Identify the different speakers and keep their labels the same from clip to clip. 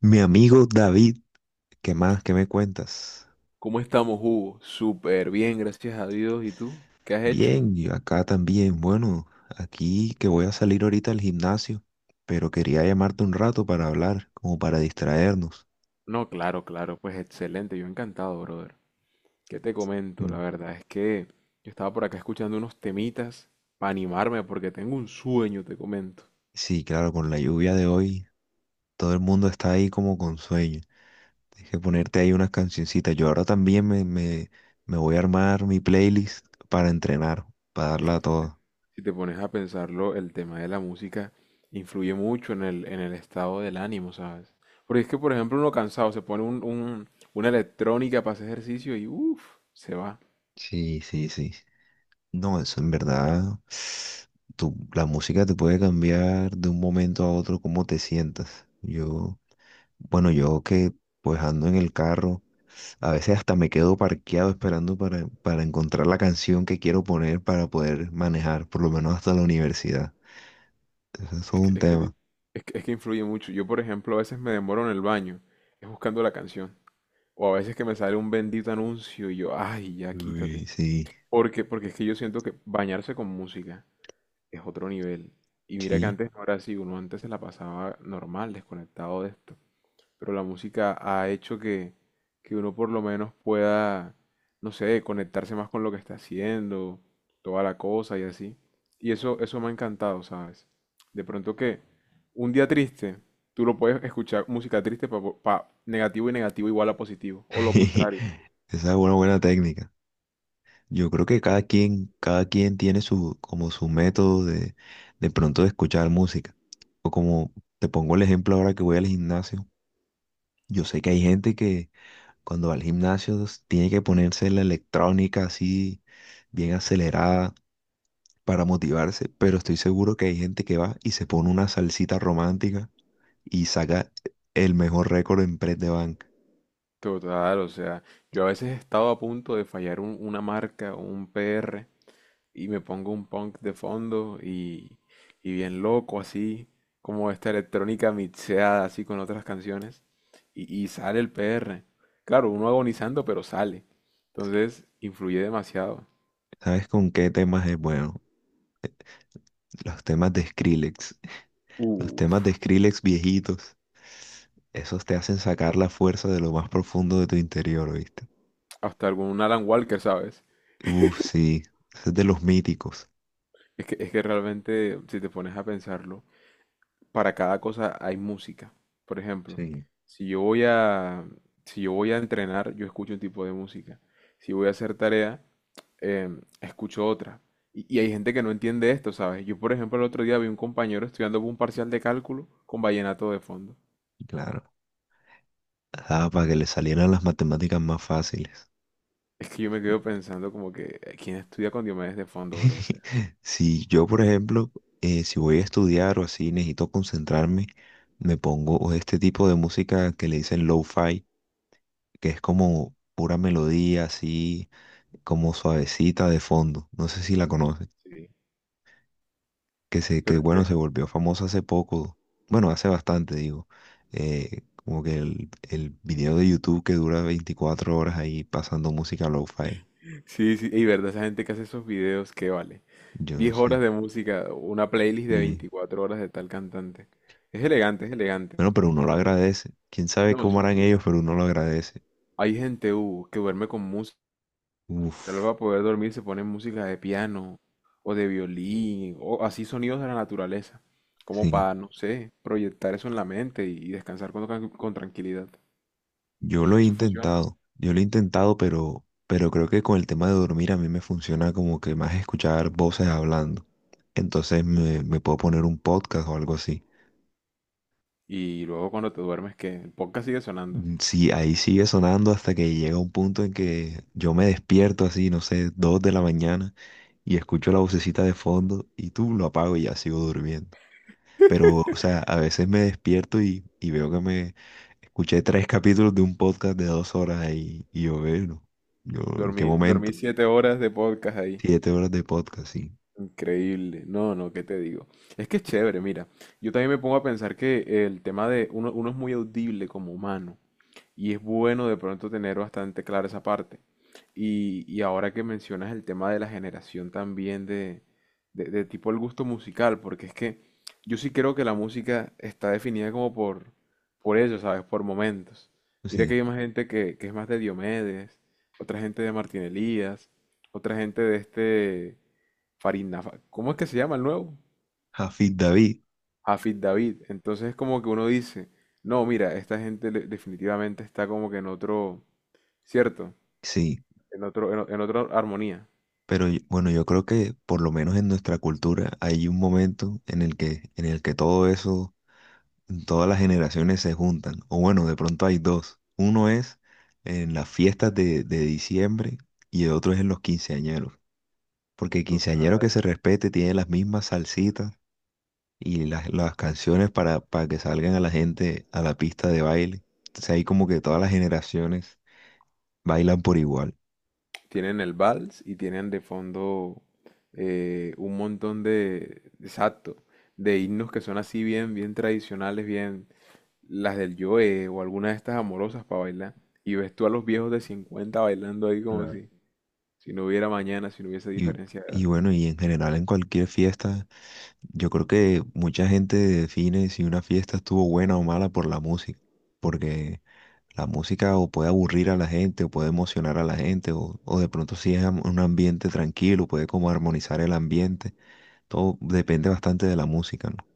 Speaker 1: Mi amigo David, ¿qué más? ¿Qué me cuentas?
Speaker 2: ¿Cómo estamos, Hugo? Súper bien, gracias a Dios. ¿Y tú? ¿Qué has hecho?
Speaker 1: Bien, yo acá también. Bueno, aquí que voy a salir ahorita al gimnasio, pero quería llamarte un rato para hablar, como para distraernos.
Speaker 2: No, claro, claro, pues excelente, yo encantado, brother. ¿Qué te comento? La
Speaker 1: Mm.
Speaker 2: verdad es que yo estaba por acá escuchando unos temitas para animarme porque tengo un sueño, te comento.
Speaker 1: Sí, claro, con la lluvia de hoy, todo el mundo está ahí como con sueño. Tienes que ponerte ahí unas cancioncitas. Yo ahora también me voy a armar mi playlist para entrenar, para darla a toda.
Speaker 2: Si te pones a pensarlo, el tema de la música influye mucho en el estado del ánimo, ¿sabes? Porque es que, por ejemplo, uno cansado se pone una electrónica para hacer ejercicio y uff, se va.
Speaker 1: Sí, sí, sí. No, eso en verdad, la música te puede cambiar de un momento a otro cómo te sientas. Yo, bueno, yo que pues ando en el carro, a veces hasta me quedo parqueado esperando para encontrar la canción que quiero poner para poder manejar, por lo menos hasta la universidad. Eso es todo un
Speaker 2: Es que, li-
Speaker 1: tema.
Speaker 2: es que influye mucho. Yo, por ejemplo, a veces me demoro en el baño, es buscando la canción. O a veces que me sale un bendito anuncio y yo, ay, ya
Speaker 1: Uy,
Speaker 2: quítate.
Speaker 1: sí,
Speaker 2: Porque es que yo siento que bañarse con música es otro nivel. Y mira que
Speaker 1: sí.
Speaker 2: antes no era así, uno antes se la pasaba normal, desconectado de esto, pero la música ha hecho que uno por lo menos pueda, no sé, conectarse más con lo que está haciendo, toda la cosa y así. Y eso me ha encantado, ¿sabes? De pronto que un día triste, tú lo puedes escuchar música triste, para negativo y negativo igual a positivo, o lo
Speaker 1: Esa
Speaker 2: contrario.
Speaker 1: es una buena técnica. Yo creo que cada quien tiene su, como su método de pronto de escuchar música. O como te pongo el ejemplo ahora que voy al gimnasio. Yo sé que hay gente que cuando va al gimnasio tiene que ponerse la electrónica así bien acelerada para motivarse, pero estoy seguro que hay gente que va y se pone una salsita romántica y saca el mejor récord en press de banca.
Speaker 2: Total, o sea, yo a veces he estado a punto de fallar una marca o un PR y me pongo un punk de fondo y bien loco así, como esta electrónica mixeada así con otras canciones y sale el PR. Claro, uno agonizando, pero sale. Entonces, influye demasiado.
Speaker 1: ¿Sabes con qué temas es bueno? Los temas de Skrillex, los temas de
Speaker 2: Uf,
Speaker 1: Skrillex viejitos. Esos te hacen sacar la fuerza de lo más profundo de tu interior, ¿oíste?
Speaker 2: hasta algún Alan Walker, ¿sabes?
Speaker 1: Uf, sí, ese es de los míticos.
Speaker 2: Es que realmente, si te pones a pensarlo, para cada cosa hay música. Por ejemplo,
Speaker 1: Sí,
Speaker 2: si yo voy a, si yo voy a entrenar, yo escucho un tipo de música. Si voy a hacer tarea, escucho otra. Y hay gente que no entiende esto, ¿sabes? Yo, por ejemplo, el otro día vi un compañero estudiando un parcial de cálculo con vallenato de fondo.
Speaker 1: claro. Ah, para que le salieran las matemáticas más fáciles.
Speaker 2: Es que yo me quedo pensando como que, ¿quién estudia con Diomedes de fondo, bro? O sea,
Speaker 1: Si yo, por ejemplo, si voy a estudiar o así, necesito concentrarme, me pongo este tipo de música que le dicen lo-fi, que es como pura melodía, así como suavecita de fondo. No sé si la conoces.
Speaker 2: sí.
Speaker 1: Que se, que
Speaker 2: Pero es
Speaker 1: bueno, se
Speaker 2: que,
Speaker 1: volvió famoso hace poco, bueno, hace bastante, digo, como que el video de YouTube que dura 24 horas ahí pasando música lo-fi,
Speaker 2: sí, sí, y verdad, esa gente que hace esos videos, ¿qué vale?
Speaker 1: yo no
Speaker 2: 10 horas
Speaker 1: sé.
Speaker 2: de música, una playlist de
Speaker 1: Y
Speaker 2: 24 horas de tal cantante. Es elegante, es elegante.
Speaker 1: bueno, pero uno lo agradece. Quién sabe
Speaker 2: No,
Speaker 1: cómo
Speaker 2: sí,
Speaker 1: harán
Speaker 2: sí, sí.
Speaker 1: ellos, pero uno lo agradece.
Speaker 2: Hay gente, que duerme con música. Solo
Speaker 1: Uf,
Speaker 2: para poder dormir se pone música de piano o de violín o así sonidos de la naturaleza, como
Speaker 1: sí.
Speaker 2: para, no sé, proyectar eso en la mente y descansar con tranquilidad.
Speaker 1: Yo lo he
Speaker 2: Eso funciona.
Speaker 1: intentado, yo lo he intentado, pero creo que con el tema de dormir a mí me funciona como que más escuchar voces hablando. Entonces me puedo poner un podcast o algo así.
Speaker 2: Y luego cuando te duermes, que el podcast sigue sonando.
Speaker 1: Mm, sí, ahí sigue sonando hasta que llega un punto en que yo me despierto así, no sé, 2 de la mañana y escucho la vocecita de fondo y tú lo apago y ya sigo durmiendo. Pero, o sea, a veces me despierto y veo que me escuché tres capítulos de un podcast de 2 horas ahí y yo veo, yo, ¿en qué
Speaker 2: Dormí,
Speaker 1: momento?
Speaker 2: dormí 7 horas de podcast ahí.
Speaker 1: 7 horas de podcast, sí.
Speaker 2: Increíble. No, no, ¿qué te digo? Es que es chévere, mira. Yo también me pongo a pensar que el tema de uno es muy audible como humano y es bueno de pronto tener bastante clara esa parte. Y ahora que mencionas el tema de la generación también de tipo el gusto musical, porque es que yo sí creo que la música está definida como por eso, ¿sabes? Por momentos. Mira que
Speaker 1: Sí.
Speaker 2: hay más gente que es más de Diomedes, otra gente de Martín Elías, otra gente de este... Farina, ¿cómo es que se llama el nuevo?
Speaker 1: Jafid David,
Speaker 2: Hafid David. Entonces es como que uno dice, no, mira, esta gente definitivamente está como que en otro, ¿cierto?
Speaker 1: sí.
Speaker 2: En otro, en otra armonía.
Speaker 1: Pero bueno, yo creo que por lo menos en nuestra cultura hay un momento en el que todo eso, todas las generaciones se juntan, o bueno, de pronto hay dos. Uno es en las fiestas de diciembre y el otro es en los quinceañeros, porque el quinceañero
Speaker 2: Total.
Speaker 1: que se respete tiene las mismas salsitas y las canciones para que salgan a la gente a la pista de baile. Entonces ahí como que todas las generaciones bailan por igual.
Speaker 2: Tienen el vals y tienen de fondo, un montón de, exacto, de himnos que son así bien, bien tradicionales, bien, las del Joe o alguna de estas amorosas para bailar. Y ves tú a los viejos de 50 bailando ahí como
Speaker 1: Claro.
Speaker 2: si no hubiera mañana, si no hubiese
Speaker 1: Y,
Speaker 2: diferencia de
Speaker 1: y
Speaker 2: edad.
Speaker 1: bueno, y en general en cualquier fiesta, yo creo que mucha gente define si una fiesta estuvo buena o mala por la música, porque la música o puede aburrir a la gente, o puede emocionar a la gente, o de pronto si es un ambiente tranquilo, puede como armonizar el ambiente. Todo depende bastante de la música, ¿no?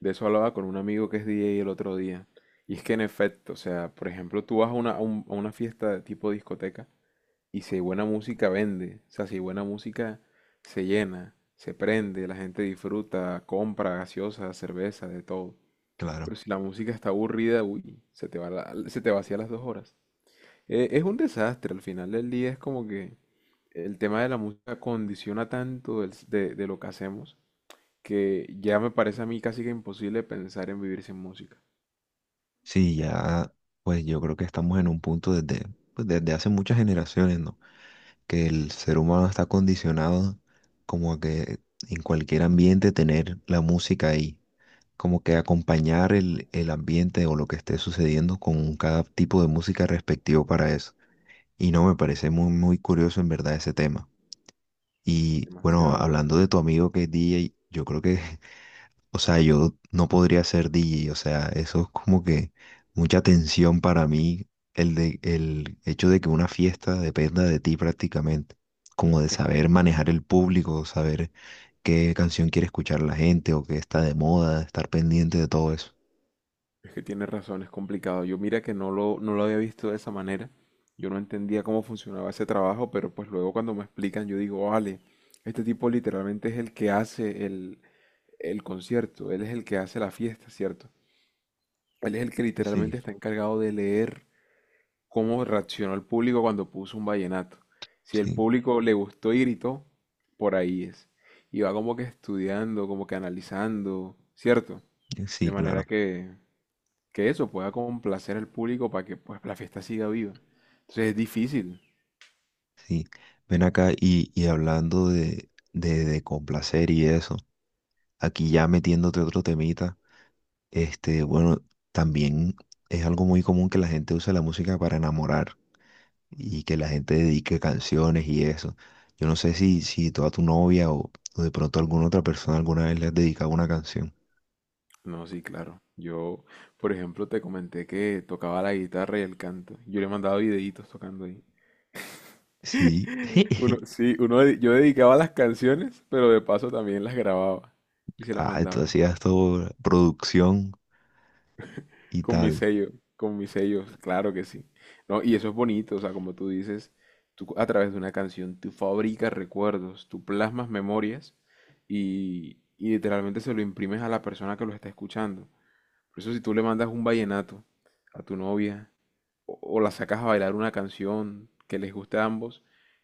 Speaker 2: De eso hablaba con un amigo que es DJ el otro día. Y es que en efecto, o sea, por ejemplo, tú vas a una fiesta de tipo discoteca y si hay buena música vende. O sea, si hay buena música se llena, se prende, la gente disfruta, compra gaseosa, cerveza, de todo.
Speaker 1: Claro.
Speaker 2: Pero si la música está aburrida, uy, se te vacía las 2 horas. Es un desastre, al final del día es como que el tema de la música condiciona tanto de lo que hacemos, que ya me parece a mí casi que imposible pensar en vivir sin música.
Speaker 1: Sí, ya, pues yo creo que estamos en un punto desde, pues, desde hace muchas generaciones, ¿no? Que el ser humano está condicionado como a que en cualquier ambiente tener la música ahí, como que acompañar el ambiente o lo que esté sucediendo con cada tipo de música respectivo para eso. Y no, me parece muy, muy curioso en verdad ese tema. Y bueno,
Speaker 2: Demasiado.
Speaker 1: hablando de tu amigo que es DJ, yo creo que, o sea, yo no podría ser DJ, o sea, eso es como que mucha tensión para mí, el hecho de que una fiesta dependa de ti prácticamente, como de
Speaker 2: Es
Speaker 1: saber
Speaker 2: que,
Speaker 1: manejar el público, saber qué canción quiere escuchar la gente o qué está de moda, estar pendiente de todo eso.
Speaker 2: es que tienes razón, es complicado. Yo mira que no lo había visto de esa manera. Yo no entendía cómo funcionaba ese trabajo, pero pues luego cuando me explican yo digo, vale, este tipo literalmente es el que hace el concierto, él es el que hace la fiesta, ¿cierto? Él es el que
Speaker 1: Sí,
Speaker 2: literalmente está encargado de leer cómo reaccionó el público cuando puso un vallenato. Si el
Speaker 1: sí,
Speaker 2: público le gustó y gritó, por ahí es. Y va como que estudiando, como que analizando, ¿cierto?
Speaker 1: sí,
Speaker 2: De manera
Speaker 1: claro.
Speaker 2: que eso pueda complacer al público para que pues la fiesta siga viva. Entonces es difícil.
Speaker 1: Sí, ven acá y hablando de complacer y eso, aquí ya metiéndote otro temita, este, bueno, también es algo muy común que la gente use la música para enamorar y que la gente dedique canciones y eso. Yo no sé si tú a tu novia o de pronto a alguna otra persona alguna vez le has dedicado una canción.
Speaker 2: No, sí, claro. Yo, por ejemplo, te comenté que tocaba la guitarra y el canto. Yo le mandaba videitos tocando ahí.
Speaker 1: Sí,
Speaker 2: Uno, sí, yo dedicaba las canciones, pero de paso también las grababa y se las
Speaker 1: ah, tú
Speaker 2: mandaba.
Speaker 1: hacías todo producción y
Speaker 2: Con mis
Speaker 1: tal,
Speaker 2: sellos, con mis sellos, claro que sí. No, y eso es bonito, o sea, como tú dices, tú a través de una canción, tú fabricas recuerdos, tú plasmas memorias y literalmente se lo imprimes a la persona que lo está escuchando. Por eso si tú le mandas un vallenato a tu novia, o la sacas a bailar una canción que les guste a ambos,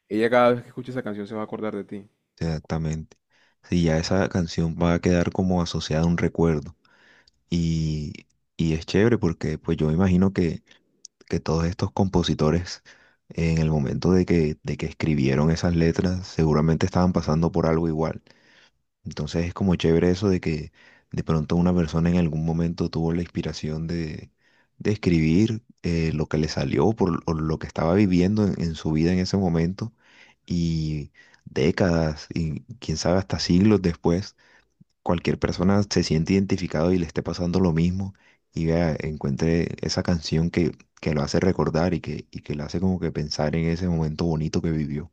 Speaker 2: ella cada vez que escuche esa canción se va a acordar de ti.
Speaker 1: exactamente. Sí, ya esa canción va a quedar como asociada a un recuerdo. Y, y es chévere porque pues yo me imagino que todos estos compositores en el momento de que escribieron esas letras seguramente estaban pasando por algo igual. Entonces es como chévere eso de que de pronto una persona en algún momento tuvo la inspiración de escribir lo que le salió por, o lo que estaba viviendo en su vida en ese momento y décadas y quién sabe hasta siglos después cualquier persona se siente identificado y le esté pasando lo mismo y vea, encuentre esa canción que lo hace recordar y que lo hace como que pensar en ese momento bonito que vivió.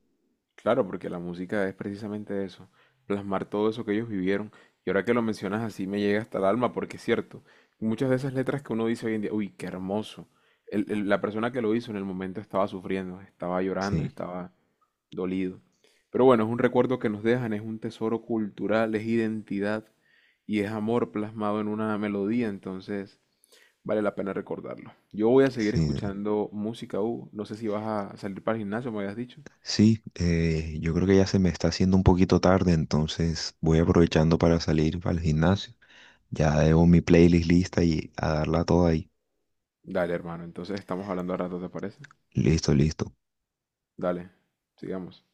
Speaker 2: Claro, porque la música es precisamente eso, plasmar todo eso que ellos vivieron. Y ahora que lo mencionas así me llega hasta el alma, porque es cierto, muchas de esas letras que uno dice hoy en día, uy, qué hermoso. La persona que lo hizo en el momento estaba sufriendo, estaba llorando,
Speaker 1: Sí,
Speaker 2: estaba dolido. Pero bueno, es un recuerdo que nos dejan, es un tesoro cultural, es identidad y es amor plasmado en una melodía, entonces vale la pena recordarlo. Yo voy a seguir
Speaker 1: sí,
Speaker 2: escuchando música, Hugo. No sé si vas a salir para el gimnasio, me habías dicho.
Speaker 1: sí, yo creo que ya se me está haciendo un poquito tarde, entonces voy aprovechando para salir al gimnasio. Ya debo mi playlist lista y a darla toda ahí.
Speaker 2: Dale, hermano. Entonces estamos hablando a rato, ¿te parece?
Speaker 1: Listo, listo.
Speaker 2: Dale, sigamos.